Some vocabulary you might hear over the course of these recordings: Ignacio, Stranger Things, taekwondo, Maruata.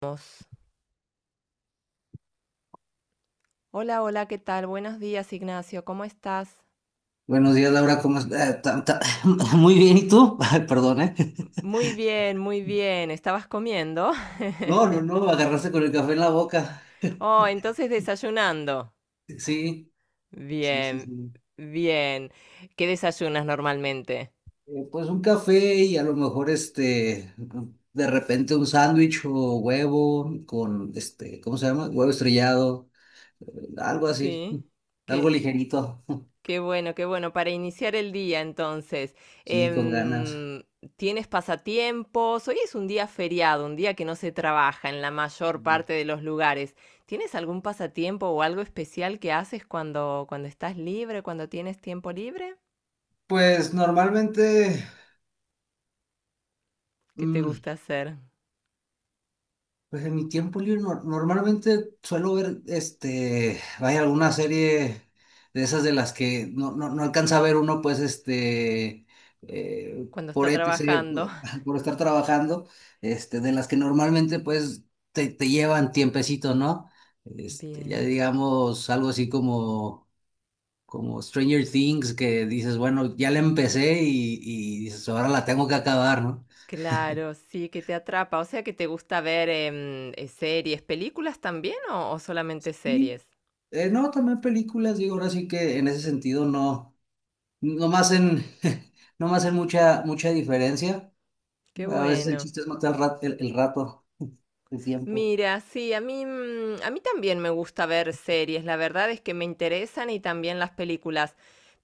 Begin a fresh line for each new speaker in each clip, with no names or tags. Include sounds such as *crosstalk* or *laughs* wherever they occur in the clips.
Vamos. Hola, hola, ¿qué tal? Buenos días, Ignacio, ¿cómo estás?
Buenos días, Laura, ¿cómo estás? *laughs* Muy bien, ¿y tú? *laughs* Ay, perdón, ¿eh? *laughs*
Muy bien, muy bien. ¿Estabas comiendo?
No, no,
*laughs*
no, agarraste con el café en la boca.
Oh,
*laughs*
entonces desayunando.
Sí, sí, sí,
Bien,
sí.
bien. ¿Qué desayunas normalmente?
Pues un café y a lo mejor de repente un sándwich o huevo con, ¿cómo se llama? Huevo estrellado, eh, algo así,
Sí.
*laughs* algo
¿Qué,
ligerito,
Qué bueno, qué bueno. Para iniciar el día, entonces,
sí, con ganas.
em, ¿tienes pasatiempos? Hoy es un día feriado, un día que no se trabaja en la mayor parte de los lugares. ¿Tienes algún pasatiempo o algo especial que haces cuando estás libre, cuando tienes tiempo libre?
Pues normalmente,
¿Qué te
mm,
gusta hacer
pues en mi tiempo libre normalmente suelo ver, vaya, alguna serie de esas de las que no alcanza a ver uno, pues,
cuando está
por ETC,
trabajando?
por
*laughs*
*laughs* por estar trabajando, de las que normalmente, pues, te llevan tiempecito, ¿no? Ya
Bien.
digamos, algo así como, como Stranger Things, que dices, bueno, ya la empecé y dices, ahora la tengo que acabar,
Claro, sí, que te atrapa. O sea, que te gusta ver series, películas también o solamente
¿no?
series.
No, también películas, digo, ahora sí que en ese sentido no me hacen, *laughs* no me hacen mucha diferencia.
Qué
A veces el
bueno.
chiste es matar el rato, el tiempo.
Mira, sí, a mí, a mí también me gusta ver series, la verdad es que me interesan y también las películas.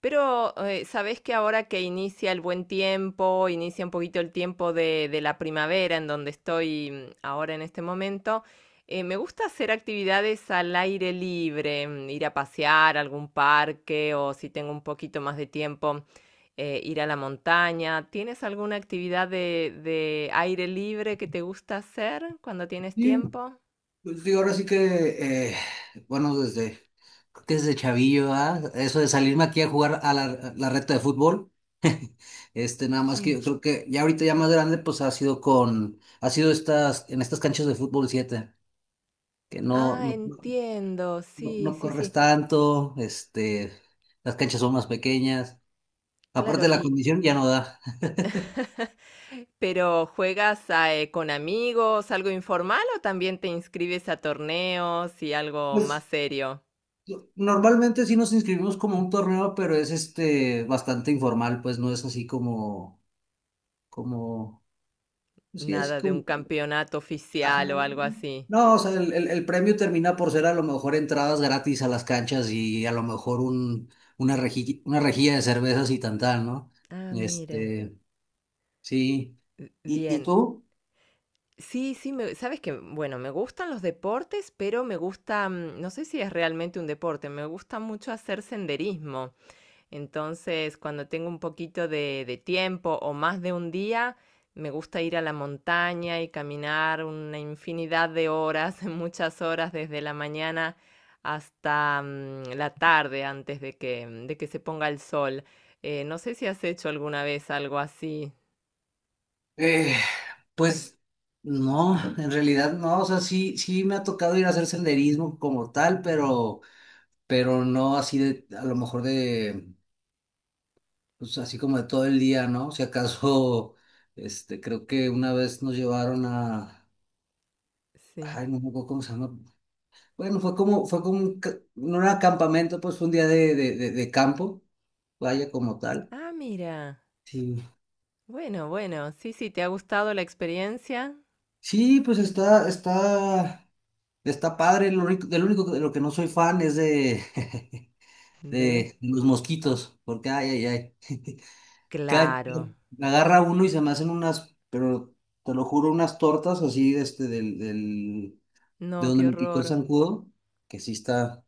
Pero sabés que ahora que inicia el buen tiempo, inicia un poquito el tiempo de la primavera en donde estoy ahora en este momento, me gusta hacer actividades al aire libre, mm, ir a pasear a algún parque o si tengo un poquito más de tiempo ir a la montaña. ¿Tienes alguna actividad de aire libre que te gusta hacer cuando tienes
Sí,
tiempo?
pues digo, ahora sí que, bueno, creo que desde chavillo, ¿ah? Eso de salirme aquí a jugar a a la reta de fútbol, nada más que
Sí.
yo creo que ya ahorita ya más grande, pues ha sido ha sido en estas canchas de fútbol 7 que
Ah, entiendo. Sí,
no
sí,
corres
sí.
tanto, las canchas son más pequeñas.
Claro.
Aparte la condición ya no da. *laughs*
*laughs* Pero ¿juegas a, con amigos, algo informal o también te inscribes a torneos y algo más
Pues
serio?
normalmente sí nos inscribimos como un torneo, pero es este bastante informal, pues no es así como, pues, sí, así
Nada de un
como,
campeonato
ajá.
oficial o algo así.
No, o sea, el premio termina por ser a lo mejor entradas gratis a las canchas y a lo mejor una rejilla de cervezas y tantán, ¿no?
Ah, mira.
Este, sí. ¿Y
Bien.
tú?
Sí, sí, me sabes que, bueno, me gustan los deportes, pero me gusta, no sé si es realmente un deporte, me gusta mucho hacer senderismo. Entonces, cuando tengo un poquito de tiempo o más de un día, me gusta ir a la montaña y caminar una infinidad de horas, *laughs* muchas horas desde la mañana hasta la tarde antes de de que se ponga el sol. No sé si has hecho alguna vez algo así.
Eh, pues no, en realidad no, o sea, sí, sí me ha tocado ir a hacer senderismo como tal, pero no así de, a lo mejor de, pues así como de todo el día, ¿no? Si acaso, *laughs* creo que una vez nos llevaron a,
Sí.
ay, no me acuerdo cómo se llama, bueno, fue como no era campamento, pues fue un día de campo, vaya como tal.
Ah, mira.
Sí,
Bueno, bueno, sí, sí, ¿te ha gustado la experiencia?
sí, pues está, está. Está padre, del único de lo que no soy fan es de, *laughs*
De...
de los mosquitos, porque ay, ay, ay. *laughs* Cada-
Claro.
Me agarra uno y se me hacen unas, pero te lo juro, unas tortas así de de
No,
donde
qué
me picó el
horror.
zancudo, que sí está,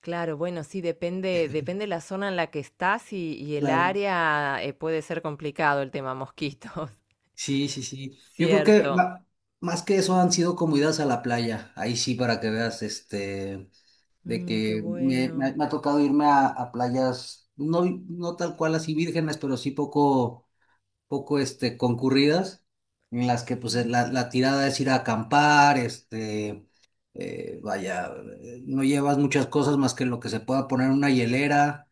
Claro, bueno, sí, depende, depende la zona en la que estás y el
claro.
área puede ser complicado el tema mosquitos.
Sí, sí, sí.
*laughs*
Yo creo que
Cierto.
más que eso han sido como idas a la playa. Ahí sí, para que veas, de
Mm, qué
que
bueno.
me ha tocado irme a playas, no tal cual así vírgenes, pero sí poco concurridas, en las que pues
Sí,
la tirada es ir a acampar, eh, vaya, no llevas muchas cosas más que lo que se pueda poner en una hielera.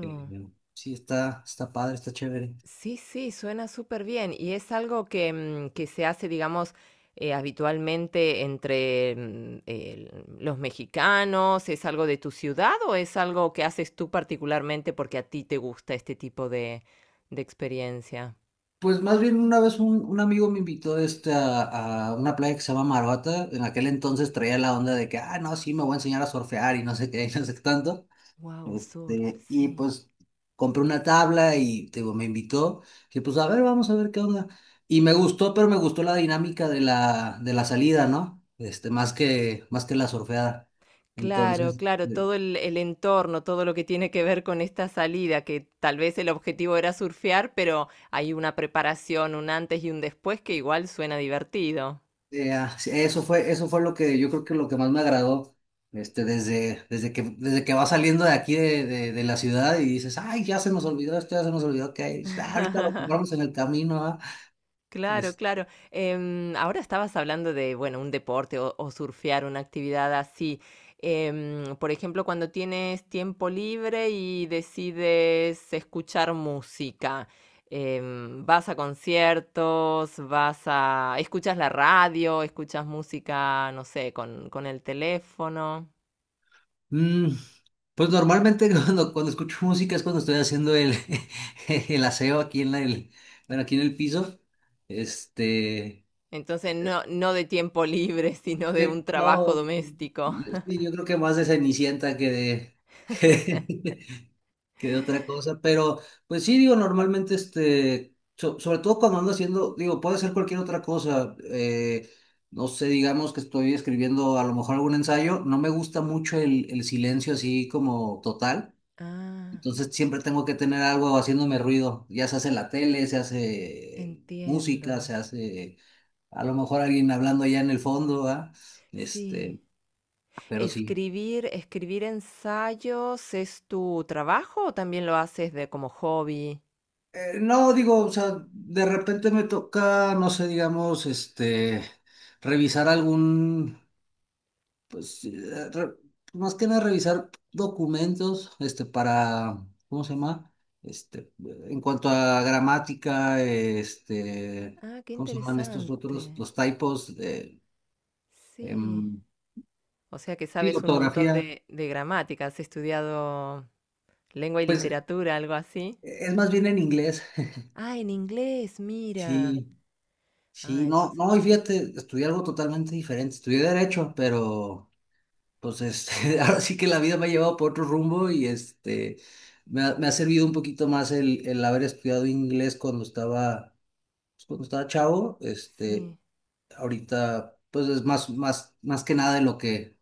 eh, sí, está, está padre, está chévere.
Sí, sí, suena súper bien. Y es algo que, que se hace, digamos, habitualmente entre los mexicanos. ¿Es algo de tu ciudad o es algo que haces tú particularmente porque a ti te gusta este tipo de experiencia?
Pues más bien una vez un amigo me invitó a una playa que se llama Maruata. En aquel entonces traía la onda de que, ah, no, sí, me voy a enseñar a surfear y no sé qué, *laughs* y no sé qué tanto.
Wow, surf,
Y
sí.
pues compré una tabla y te digo, me invitó, que pues a ver, vamos a ver qué onda. Y me gustó, pero me gustó la dinámica de de la salida, ¿no? Más más que la surfeada.
Claro,
Entonces,
claro, todo el entorno, todo lo que tiene que ver con esta salida, que tal vez el objetivo era surfear, pero hay una preparación, un antes y un después que igual suena divertido.
ah, sí, eso fue lo que yo creo que lo que más me agradó. Desde que vas saliendo de aquí de la ciudad y dices, ay, ya se nos olvidó esto, ya se nos olvidó que hay, ah, ahorita lo
*laughs*
compramos en el camino, ah".
Claro,
Es-
claro. Em, ahora estabas hablando de, bueno, un deporte o surfear, una actividad así. Em, por ejemplo, cuando tienes tiempo libre y decides escuchar música, em, vas a conciertos, vas a... escuchas la radio, escuchas música, no sé, con el teléfono.
mm. Pues normalmente *laughs* cuando escucho música es cuando estoy haciendo *laughs* el aseo aquí en bueno, aquí en el piso. Este,
Entonces, no, no de tiempo *laughs* libre, sino de un trabajo
no,
doméstico.
sí, yo creo que más de Cenicienta que de,
*laughs*
*laughs* que, de otra cosa, pero pues sí, digo, normalmente sobre todo cuando ando haciendo, digo, puede ser cualquier otra cosa. No sé, digamos que estoy escribiendo a lo mejor algún ensayo, no me gusta mucho el silencio así como total.
Ah,
Entonces siempre tengo que tener algo haciéndome ruido. Ya se hace la tele, se hace música,
entiendo.
se hace a lo mejor alguien hablando allá en el fondo, ¿ah?
Sí.
Este, pero sí.
Escribir, escribir ensayos, ¿es tu trabajo o también lo haces de como hobby?
No, digo, o sea, de repente me toca, no sé, digamos, revisar Pues eh, re- más que nada revisar documentos, para, ¿cómo se llama? En cuanto a gramática,
Ah, qué
¿cómo se llaman estos otros?
interesante.
Los typos,
Sí.
em,
O sea que
sí,
sabes un montón
ortografía.
de gramática. ¿Has estudiado lengua y
Pues
literatura, algo así?
es más bien en inglés.
Ah, en inglés, mira.
Sí,
Ah,
sí, no,
entonces,
no, y fíjate, estudié algo totalmente diferente. Estudié derecho, pero pues *laughs* ahora sí que la vida me ha llevado por otro rumbo y me ha servido un poquito más el haber estudiado inglés cuando estaba, pues, cuando estaba chavo,
sí.
ahorita, pues es más, más que nada en lo que,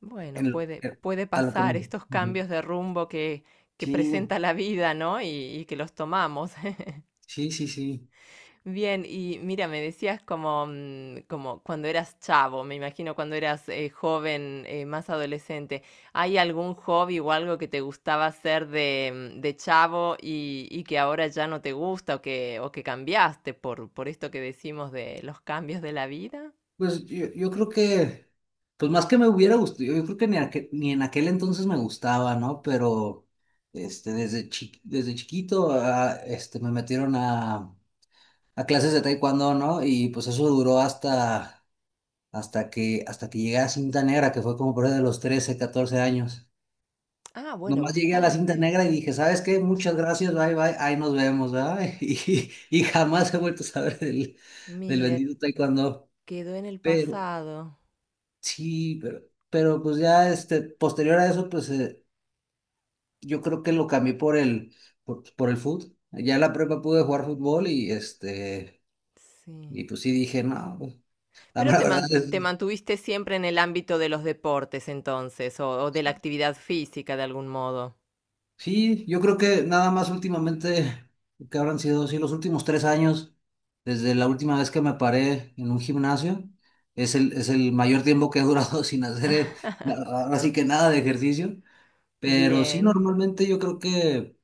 Bueno,
en lo-
puede,
en-
puede
a lo que
pasar
me...
estos
Ujú.
cambios de rumbo que
Sí,
presenta la vida, ¿no? Y que los tomamos. *laughs*
sí, sí, sí.
Bien, y mira, me decías como, como cuando eras chavo, me imagino cuando eras joven, más adolescente, ¿hay algún hobby o algo que te gustaba hacer de, de chavo y que ahora ya no te gusta o que cambiaste por esto que decimos de los cambios de la vida?
Pues yo creo que, pues más que me hubiera gustado, yo creo que ni en aquel entonces me gustaba, ¿no? Pero, desde desde chiquito, ah, me metieron a clases de taekwondo, ¿no? Y pues eso duró hasta, hasta que llegué a cinta negra, que fue como por ahí de los 13 14 años.
Ah, bueno,
Nomás llegué a la cinta
bastante.
negra y dije, ¿sabes qué? Muchas gracias, bye, bye, ahí nos vemos, ¿verdad? *laughs* Y jamás he vuelto a saber del
Mira,
bendito taekwondo.
quedó en el
Pero,
pasado.
sí, pero pues ya, posterior a eso, pues yo creo que lo cambié por por el fútbol. Ya en la prepa pude jugar fútbol
Sí.
y pues sí dije, no, pues, la
Pero
mera verdad es,
te mantuviste siempre en el ámbito de los deportes entonces, o de la actividad física de algún modo.
Sí, yo creo que nada más últimamente, que habrán sido, sí, los últimos 3 años, desde la última vez que me paré en un gimnasio, es es el mayor tiempo que he durado *laughs* sin hacer, ahora sí que nada de ejercicio, pero sí,
Bien.
normalmente yo creo que,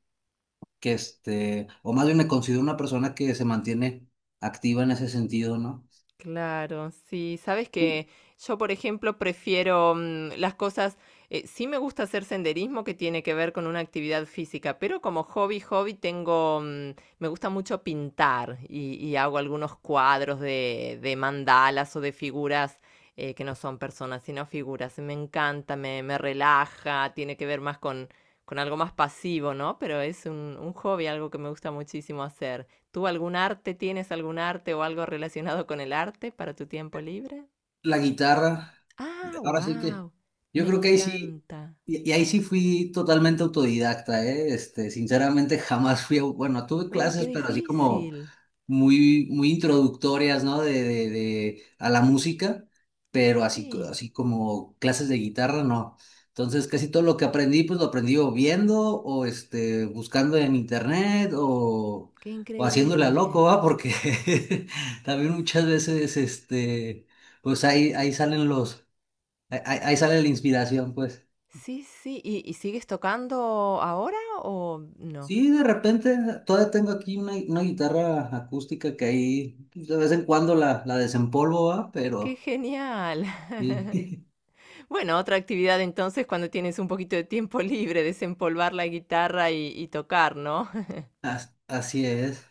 o más bien me considero una persona que se mantiene activa en ese sentido, ¿no?
Claro, sí, sabes
Tú,
que yo, por ejemplo, prefiero mm, las cosas, sí me gusta hacer senderismo que tiene que ver con una actividad física, pero como hobby, hobby tengo, me gusta mucho pintar y hago algunos cuadros de mandalas o de figuras que no son personas, sino figuras. Me encanta, me relaja, tiene que ver más con algo más pasivo, ¿no? Pero es un hobby, algo que me gusta muchísimo hacer. ¿Tú algún arte tienes algún arte o algo relacionado con el arte para tu tiempo libre?
la guitarra.
Ah,
Ahora sí que
wow,
yo
me
creo que ahí sí,
encanta.
y ahí sí fui totalmente autodidacta, ¿eh? Sinceramente jamás fui, bueno, tuve
Uy, qué
clases, pero así como
difícil.
muy, muy introductorias, ¿no? A la música, pero así,
Sí,
así como clases de guitarra, no. Entonces, casi todo lo que aprendí, pues lo aprendí o viendo o buscando en internet o,
qué
haciéndole a loco,
increíble.
¿va? Porque *laughs* también muchas veces, pues ahí, ahí salen ahí sale la inspiración, pues.
Sí, sí, sí. Y sigues tocando ahora o no?
Sí, de repente todavía tengo aquí una guitarra acústica que ahí pues, de vez en cuando la desempolvo, ¿va?
Qué
Pero
genial. *laughs*
sí,
Bueno, otra actividad entonces cuando tienes un poquito de tiempo libre, desempolvar la guitarra y tocar, ¿no?
*laughs* así es.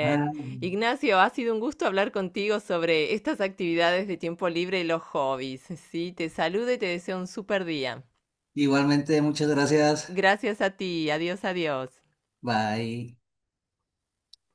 Ah,
Ignacio, ha sido un gusto hablar contigo sobre estas actividades de tiempo libre y los hobbies. Sí, te saludo y te deseo un super día.
igualmente, muchas gracias.
Gracias a ti. Adiós, adiós.
Bye.